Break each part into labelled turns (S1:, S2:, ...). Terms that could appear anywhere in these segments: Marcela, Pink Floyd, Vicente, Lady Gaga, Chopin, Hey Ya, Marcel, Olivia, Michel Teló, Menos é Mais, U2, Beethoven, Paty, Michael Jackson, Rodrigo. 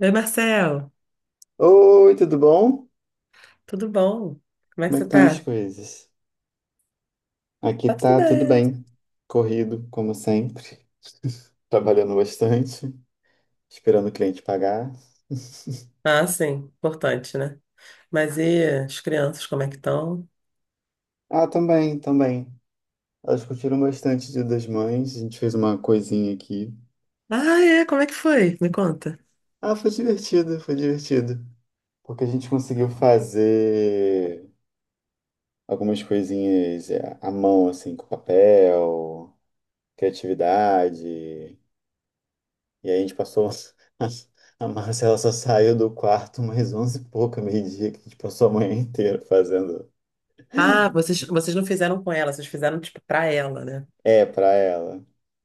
S1: Oi, Marcel,
S2: Oi, tudo bom?
S1: tudo bom? Como é
S2: Como
S1: que
S2: é que
S1: você
S2: estão as
S1: tá?
S2: coisas? Aqui
S1: Tá tudo
S2: tá tudo
S1: bem.
S2: bem. Corrido, como sempre. Trabalhando bastante, esperando o cliente pagar.
S1: Ah, sim, importante, né? Mas e as crianças, como é que estão?
S2: Ah, também, também. Elas curtiram bastante o Dia das Mães. A gente fez uma coisinha aqui.
S1: Ah, é, como é que foi? Me conta.
S2: Ah, foi divertido, foi divertido. Porque a gente conseguiu fazer algumas coisinhas à mão, assim, com papel, criatividade. E aí a gente passou. A Marcela só saiu do quarto mais 11 e pouca, meio-dia, que a gente passou a manhã inteira fazendo.
S1: Ah, vocês não fizeram com ela, vocês fizeram, tipo, pra ela, né?
S2: É pra ela.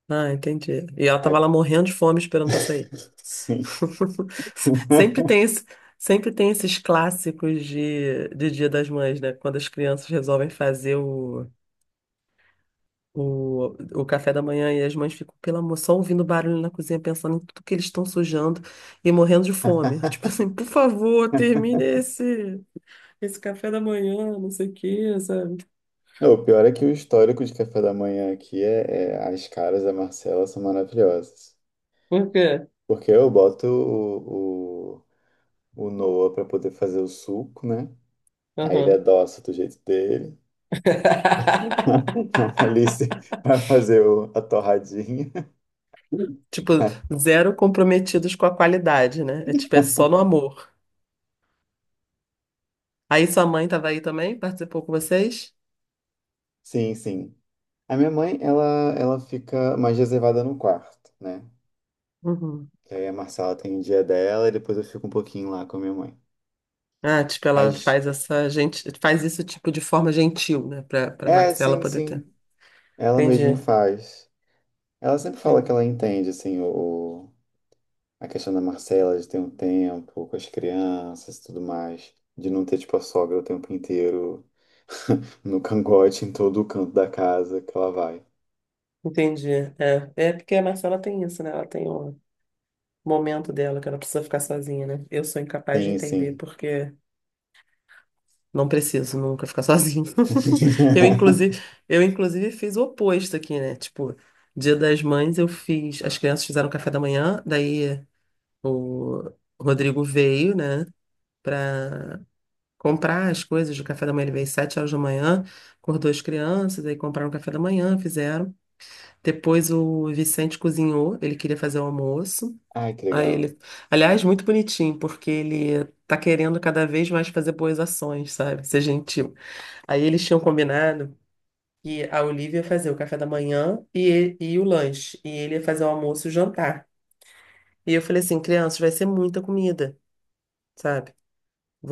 S1: Ah, entendi. E ela
S2: Aí,
S1: tava lá morrendo de fome esperando pra sair.
S2: sim.
S1: Sempre tem esse, sempre tem esses clássicos de Dia das Mães, né? Quando as crianças resolvem fazer o café da manhã e as mães ficam, pelo amor, só ouvindo barulho na cozinha, pensando em tudo que eles estão sujando e morrendo de fome. Tipo assim, por favor, esse café da manhã, não sei o quê, sabe?
S2: Não, o pior é que o histórico de café da manhã aqui as caras da Marcela são maravilhosas.
S1: Por quê?
S2: Porque eu boto o Noah pra poder fazer o suco, né? Aí ele
S1: Aham.
S2: adoça do jeito dele. A Alice vai fazer a torradinha.
S1: Tipo, zero comprometidos com a qualidade, né? É tipo, é só no amor. Aí sua mãe tava aí também, participou com vocês?
S2: Sim, sim. A minha mãe, ela fica mais reservada no quarto, né?
S1: Uhum.
S2: Que aí a Marcela tem o dia dela e depois eu fico um pouquinho lá com a minha mãe.
S1: Ah, tipo, ela
S2: Mas,
S1: faz essa gente, faz isso tipo de forma gentil, né? Pra Marcela
S2: sim,
S1: poder ter.
S2: sim. Ela mesmo
S1: Entendi.
S2: faz. Ela sempre fala que
S1: Entendi.
S2: ela entende, assim, a questão da Marcela de ter um tempo com as crianças e tudo mais. De não ter, tipo, a sogra o tempo inteiro no cangote, em todo o canto da casa que ela vai.
S1: Entendi. É, é porque a Marcela tem isso, né? Ela tem o momento dela que ela precisa ficar sozinha, né? Eu sou incapaz de
S2: Sim,
S1: entender
S2: sim.
S1: porque não preciso nunca ficar sozinho. Eu inclusive, eu inclusive fiz o oposto aqui, né? Tipo, Dia das Mães eu fiz, as crianças fizeram café da manhã, daí o Rodrigo veio, né, pra comprar as coisas do café da manhã, ele veio às sete horas da manhã, acordou as crianças, aí compraram o café da manhã, fizeram. Depois o Vicente cozinhou, ele queria fazer o almoço.
S2: Ai, que
S1: Aí
S2: legal.
S1: ele, aliás, muito bonitinho, porque ele tá querendo cada vez mais fazer boas ações, sabe? Ser gentil. Aí eles tinham combinado que a Olivia ia fazer o café da manhã e o lanche, e ele ia fazer o almoço e o jantar. E eu falei assim, crianças, vai ser muita comida, sabe?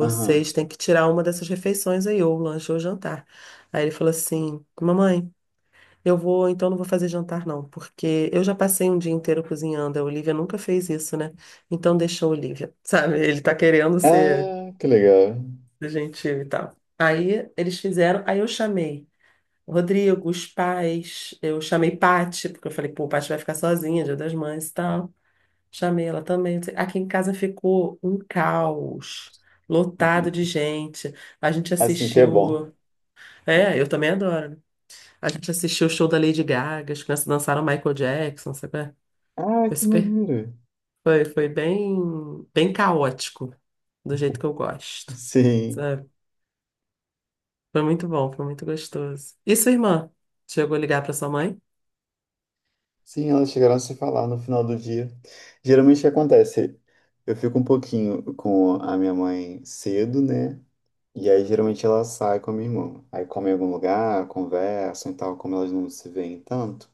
S2: Aham.
S1: têm que tirar uma dessas refeições aí, ou o lanche ou o jantar. Aí ele falou assim, mamãe. Eu vou, então não vou fazer jantar não, porque eu já passei um dia inteiro cozinhando. A Olivia nunca fez isso, né? Então deixa a Olivia, sabe? Ele tá querendo
S2: Ah, que legal.
S1: ser gentil e tal. Aí eles fizeram, aí eu chamei o Rodrigo, os pais, eu chamei Paty, porque eu falei, pô, Paty vai ficar sozinha, Dia das Mães e tal. Chamei ela também. Não sei- Aqui em casa ficou um caos, lotado de gente. A gente
S2: Assim que é bom.
S1: assistiu. É, eu também adoro, né? A gente assistiu o show da Lady Gaga, as crianças dançaram Michael Jackson, sabe? Qual é?
S2: Ah,
S1: Foi
S2: que
S1: super,
S2: maneiro.
S1: foi bem, bem caótico, do jeito que eu gosto,
S2: Sim.
S1: sabe? Foi muito bom, foi muito gostoso. E sua irmã? Chegou a ligar para sua mãe?
S2: Sim, elas chegaram a se falar no final do dia. Geralmente o que acontece? Eu fico um pouquinho com a minha mãe cedo, né? E aí geralmente ela sai com a minha irmã. Aí come em algum lugar, conversam e tal, como elas não se veem tanto.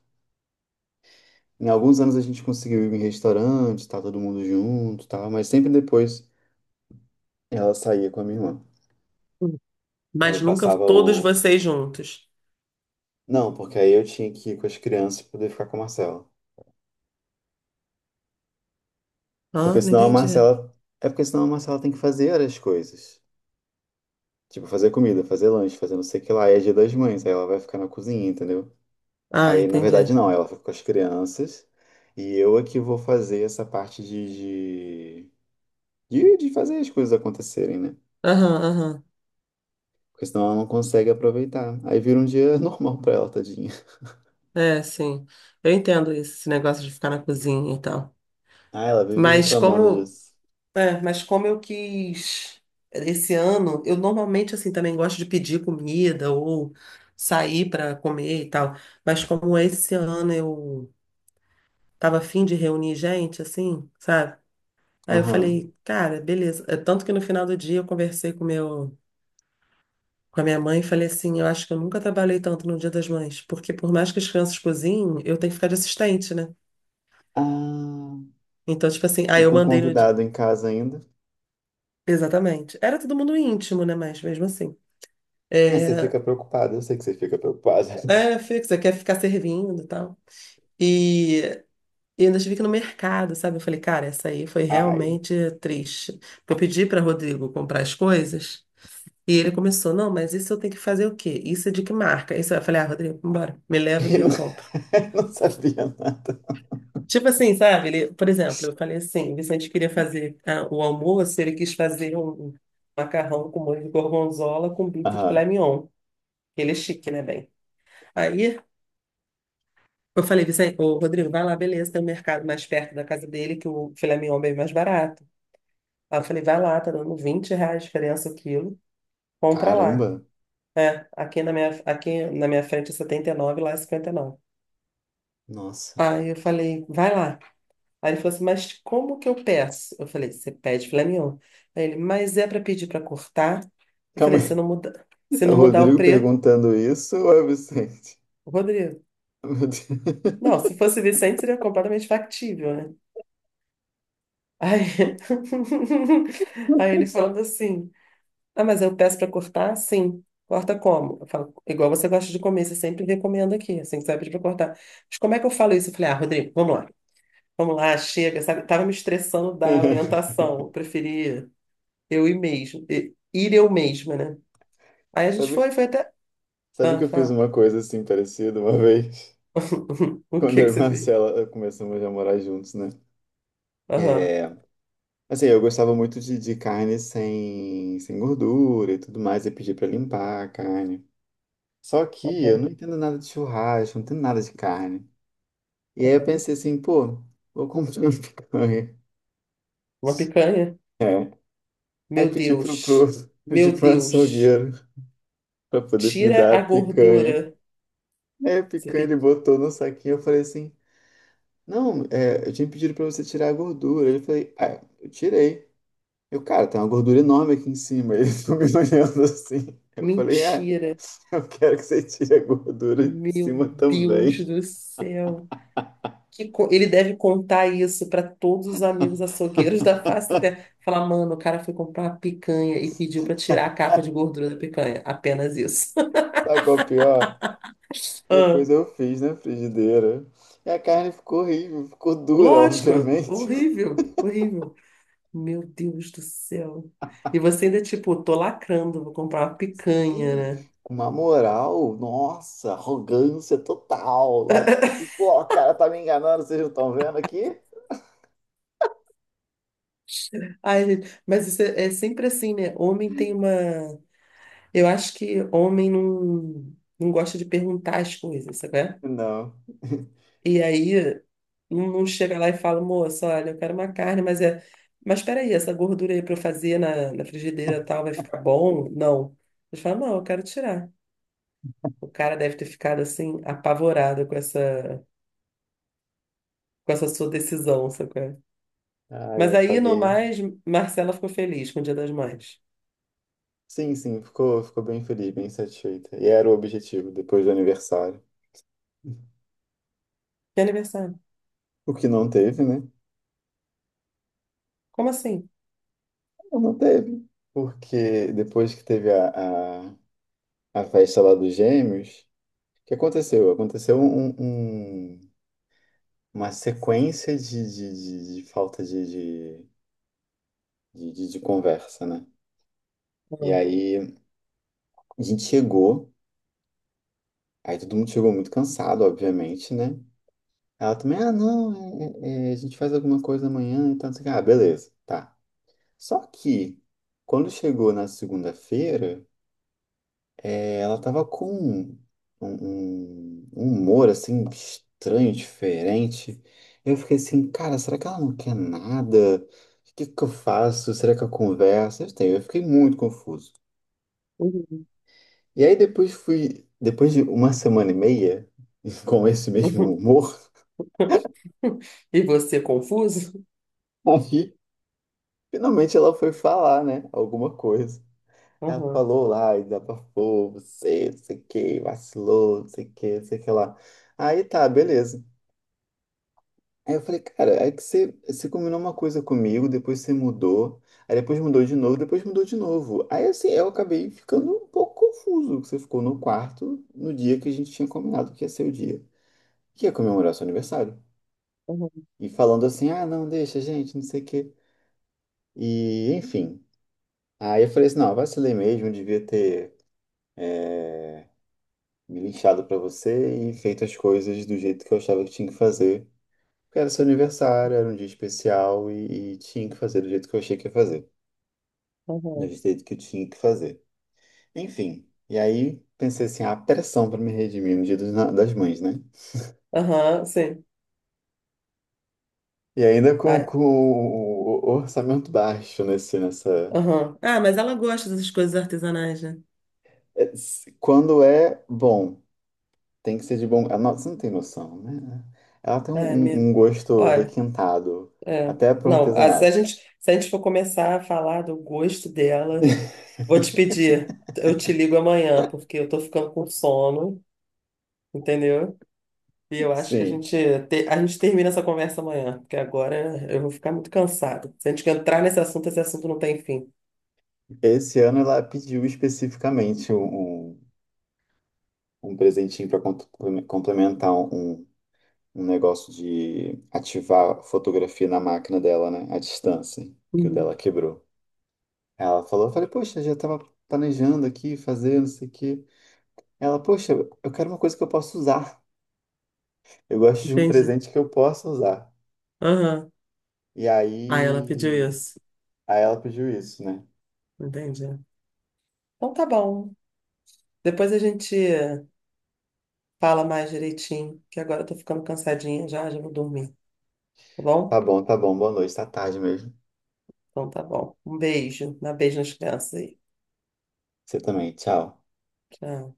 S2: Em alguns anos a gente conseguiu ir em restaurante, tá todo mundo junto, tá? Mas sempre depois ela saía com a minha irmã.
S1: Hum.
S2: E aí
S1: Mas nunca
S2: passava
S1: todos
S2: o.
S1: vocês juntos.
S2: Não, porque aí eu tinha que ir com as crianças pra poder ficar com a Marcela. Porque
S1: Ah, não
S2: senão a
S1: entendi.
S2: Marcela. É porque senão a Marcela tem que fazer as coisas. Tipo, fazer comida, fazer lanche, fazer não sei o que lá. E é dia das mães, aí ela vai ficar na cozinha, entendeu?
S1: Ah,
S2: Aí, na verdade,
S1: entendi.
S2: não, ela fica com as crianças. E eu é que vou fazer essa parte de fazer as coisas acontecerem, né?
S1: Aham, aham.
S2: Porque senão ela não consegue aproveitar. Aí vira um dia normal pra ela, tadinha.
S1: É, sim. Eu entendo isso, esse negócio de ficar na cozinha e tal.
S2: Ah, ela vive
S1: Mas
S2: reclamando
S1: como
S2: disso.
S1: É, mas como eu quis esse ano, eu normalmente assim também gosto de pedir comida ou sair para comer e tal. Mas como esse ano eu tava afim de reunir gente, assim, sabe? Aí eu
S2: Aham.
S1: falei, cara, beleza. É, tanto que no final do dia eu conversei com a minha mãe e falei assim, eu acho que eu nunca trabalhei tanto no Dia das Mães, porque por mais que as crianças cozinhem, eu tenho que ficar de assistente, né?
S2: Ah,
S1: Então, tipo assim, aí
S2: e
S1: eu
S2: com
S1: mandei no.
S2: convidado em casa ainda?
S1: Exatamente. Era todo mundo íntimo, né? Mas mesmo assim.
S2: É, você
S1: É,
S2: fica preocupada, eu sei que você fica preocupada.
S1: É, fixa, quer ficar servindo e tal. E, e ainda tive que ir no mercado, sabe? Eu falei, cara, essa aí foi
S2: Ai.
S1: realmente triste. Porque eu pedi para Rodrigo comprar as coisas e ele começou, não, mas isso eu tenho que fazer o quê? Isso é de que marca? Isso eu falei, ah, Rodrigo, vambora, me leva que
S2: Ele não,
S1: eu compro.
S2: não sabia nada.
S1: Tipo assim, sabe? Ele, por exemplo, eu falei assim, o Vicente queria fazer ah, o almoço, ele quis fazer um macarrão com molho de gorgonzola com bife de
S2: Ah,
S1: filé mignon. Ele é chique, né, bem? Aí eu falei, Vicente, ô, Rodrigo, vai lá, beleza, tem um mercado mais perto da casa dele que o filé mignon é bem mais barato. Aí eu falei, vai lá, tá dando R$ 20 a diferença o quilo, compra lá.
S2: caramba.
S1: É, aqui na minha frente é 79, lá é 59.
S2: Nossa.
S1: Aí eu falei, vai lá. Aí ele falou assim, mas como que eu peço? Eu falei, você pede filé mignon. Aí ele, mas é para pedir para cortar? Eu
S2: Calma
S1: falei,
S2: aí.
S1: se
S2: É o
S1: não mudar o
S2: Rodrigo
S1: preço,
S2: perguntando isso ou é o Vicente?
S1: Rodrigo.
S2: Meu Deus.
S1: Não, se fosse Vicente seria completamente factível, né? Aí, aí ele falando assim: Ah, mas eu peço para cortar? Sim. Corta como? Eu falo, igual você gosta de comer, você sempre recomenda aqui, assim, que você vai pedir para cortar. Mas como é que eu falo isso? Eu falei: Ah, Rodrigo, vamos lá, chega, sabe? Tava me estressando da orientação, eu preferia eu ir mesmo, ir eu mesma, né? Aí a gente
S2: Sabe,
S1: foi, foi até.
S2: sabe
S1: Ah,
S2: que eu fiz
S1: fala.
S2: uma coisa assim parecida uma vez?
S1: O
S2: Quando
S1: que que
S2: eu e
S1: você fez?
S2: Marcela começamos a morar juntos, né?
S1: Aham,
S2: É, assim, eu gostava muito de carne sem gordura e tudo mais, e pedi pra limpar a carne. Só que eu
S1: aham,
S2: não entendo nada de churrasco, não entendo nada de carne. E aí eu
S1: aham.
S2: pensei assim, pô, vou comprar uma picanha.
S1: Uma picanha?
S2: É. Aí
S1: Meu Deus,
S2: pedi
S1: meu
S2: pro
S1: Deus,
S2: açougueiro pra poder me
S1: tira
S2: dar a
S1: a
S2: picanha.
S1: gordura.
S2: Aí a
S1: Você
S2: picanha ele
S1: pediu.
S2: botou no saquinho, eu falei assim, não, eu tinha pedido pra você tirar a gordura. Ele falou, ah, eu tirei. Eu, cara, tem uma gordura enorme aqui em cima. Ele ficou me olhando assim. Eu falei, ah,
S1: Mentira!
S2: eu quero que você tire a gordura de
S1: Meu
S2: cima
S1: Deus
S2: também.
S1: do céu! Ele deve contar isso para todos os amigos açougueiros da face da terra. Falar, mano, o cara foi comprar uma picanha e pediu para tirar a capa de gordura da picanha. Apenas isso.
S2: Sabe qual é o pior?
S1: Ah,
S2: Depois eu fiz na frigideira. E a carne ficou horrível, ficou dura,
S1: lógico,
S2: obviamente.
S1: horrível, horrível. Meu Deus do céu. E você ainda, tipo, tô lacrando, vou comprar uma picanha,
S2: Sim,
S1: né?
S2: com uma moral, nossa, arrogância total. Lá, tipo assim, pô, o cara tá me enganando, vocês não estão vendo aqui?
S1: Ai, gente, mas isso é, é sempre assim, né? Homem tem uma. Eu acho que homem não, não gosta de perguntar as coisas, sabe?
S2: Não.
S1: E aí não chega lá e fala, moça, olha, eu quero uma carne, mas é. Mas peraí, essa gordura aí para eu fazer na frigideira e tal vai ficar bom? Não. Eles falam, não, eu quero tirar. O cara deve ter ficado assim, apavorado com com essa sua decisão, sabe?
S2: Ah,
S1: Mas
S2: eu
S1: aí, no
S2: paguei.
S1: mais, Marcela ficou feliz com o Dia das Mães.
S2: Sim, sim, ficou bem feliz, bem satisfeita. E era o objetivo depois do aniversário.
S1: Que aniversário?
S2: O que não teve, né?
S1: Como assim?
S2: Não teve. Porque depois que teve a festa lá dos Gêmeos, o que aconteceu? Aconteceu uma sequência de falta de conversa, né? E
S1: Ah,
S2: aí a gente chegou, aí todo mundo chegou muito cansado, obviamente, né? Ela também, ah, não, a gente faz alguma coisa amanhã, então, não sei o quê. Ah, beleza, tá. Só que quando chegou na segunda-feira, ela tava com um humor assim estranho, diferente. Eu fiquei assim, cara, será que ela não quer nada? O que que eu faço? Será que eu converso? Eu fiquei muito confuso.
S1: uhum.
S2: E aí depois fui, depois de uma semana e meia, com esse mesmo humor,
S1: E você confuso?
S2: aí finalmente ela foi falar, né? Alguma coisa. Ela
S1: Aham,
S2: falou lá, e desabafou, você, não sei o que, vacilou, não sei o que, não sei o que lá. Aí tá, beleza. Aí eu falei, cara, é que você combinou uma coisa comigo, depois você mudou, aí depois mudou de novo, depois mudou de novo. Aí assim, eu acabei ficando um pouco confuso, que você ficou no quarto no dia que a gente tinha combinado que ia ser o dia, que ia comemorar seu aniversário. E falando assim, ah, não, deixa, gente, não sei o quê. E, enfim. Aí eu falei assim, não, vacilei mesmo, devia ter é, me lixado pra você e feito as coisas do jeito que eu achava que tinha que fazer. Porque era seu aniversário, era um dia especial e tinha que fazer do jeito que eu achei que ia fazer. Do
S1: aham,
S2: jeito que eu tinha que fazer. Enfim. E aí pensei assim, ah, pressão pra me redimir no dia dos das mães, né?
S1: aham, sim.
S2: E ainda com,
S1: Ai,
S2: com o orçamento baixo nessa...
S1: aham. Ah, mas ela gosta dessas coisas artesanais, né?
S2: Quando é bom. Tem que ser de bom. Ah, não, você não tem noção, né? Ela tem um,
S1: Ai, minha...
S2: um um gosto
S1: Olha,
S2: requintado,
S1: é.
S2: até pro
S1: Não,
S2: artesanal.
S1: se a gente for começar a falar do gosto dela, vou te pedir, eu te ligo amanhã, porque eu tô ficando com sono, entendeu? E eu acho que a
S2: Sim.
S1: gente, a gente termina essa conversa amanhã, porque agora eu vou ficar muito cansada. Se a gente entrar nesse assunto, esse assunto não tem fim.
S2: Esse ano ela pediu especificamente um presentinho para complementar um negócio de ativar fotografia na máquina dela, né? À distância, que o
S1: Uhum.
S2: dela quebrou. Ela falou, eu falei, poxa, já estava planejando aqui, fazer, não sei o quê. Ela, poxa, eu quero uma coisa que eu possa usar. Eu gosto de um
S1: Entendi.
S2: presente que eu possa usar.
S1: Aham.
S2: E
S1: Ah, ela pediu
S2: aí,
S1: isso.
S2: aí ela pediu isso, né?
S1: Entendi. Então tá bom. Depois a gente fala mais direitinho, que agora eu tô ficando cansadinha já, já vou dormir, tá bom?
S2: Tá bom, boa noite, tá tarde mesmo.
S1: Então tá bom. Um beijo. Dá beijo nas crianças aí.
S2: Você também, tchau.
S1: Tchau.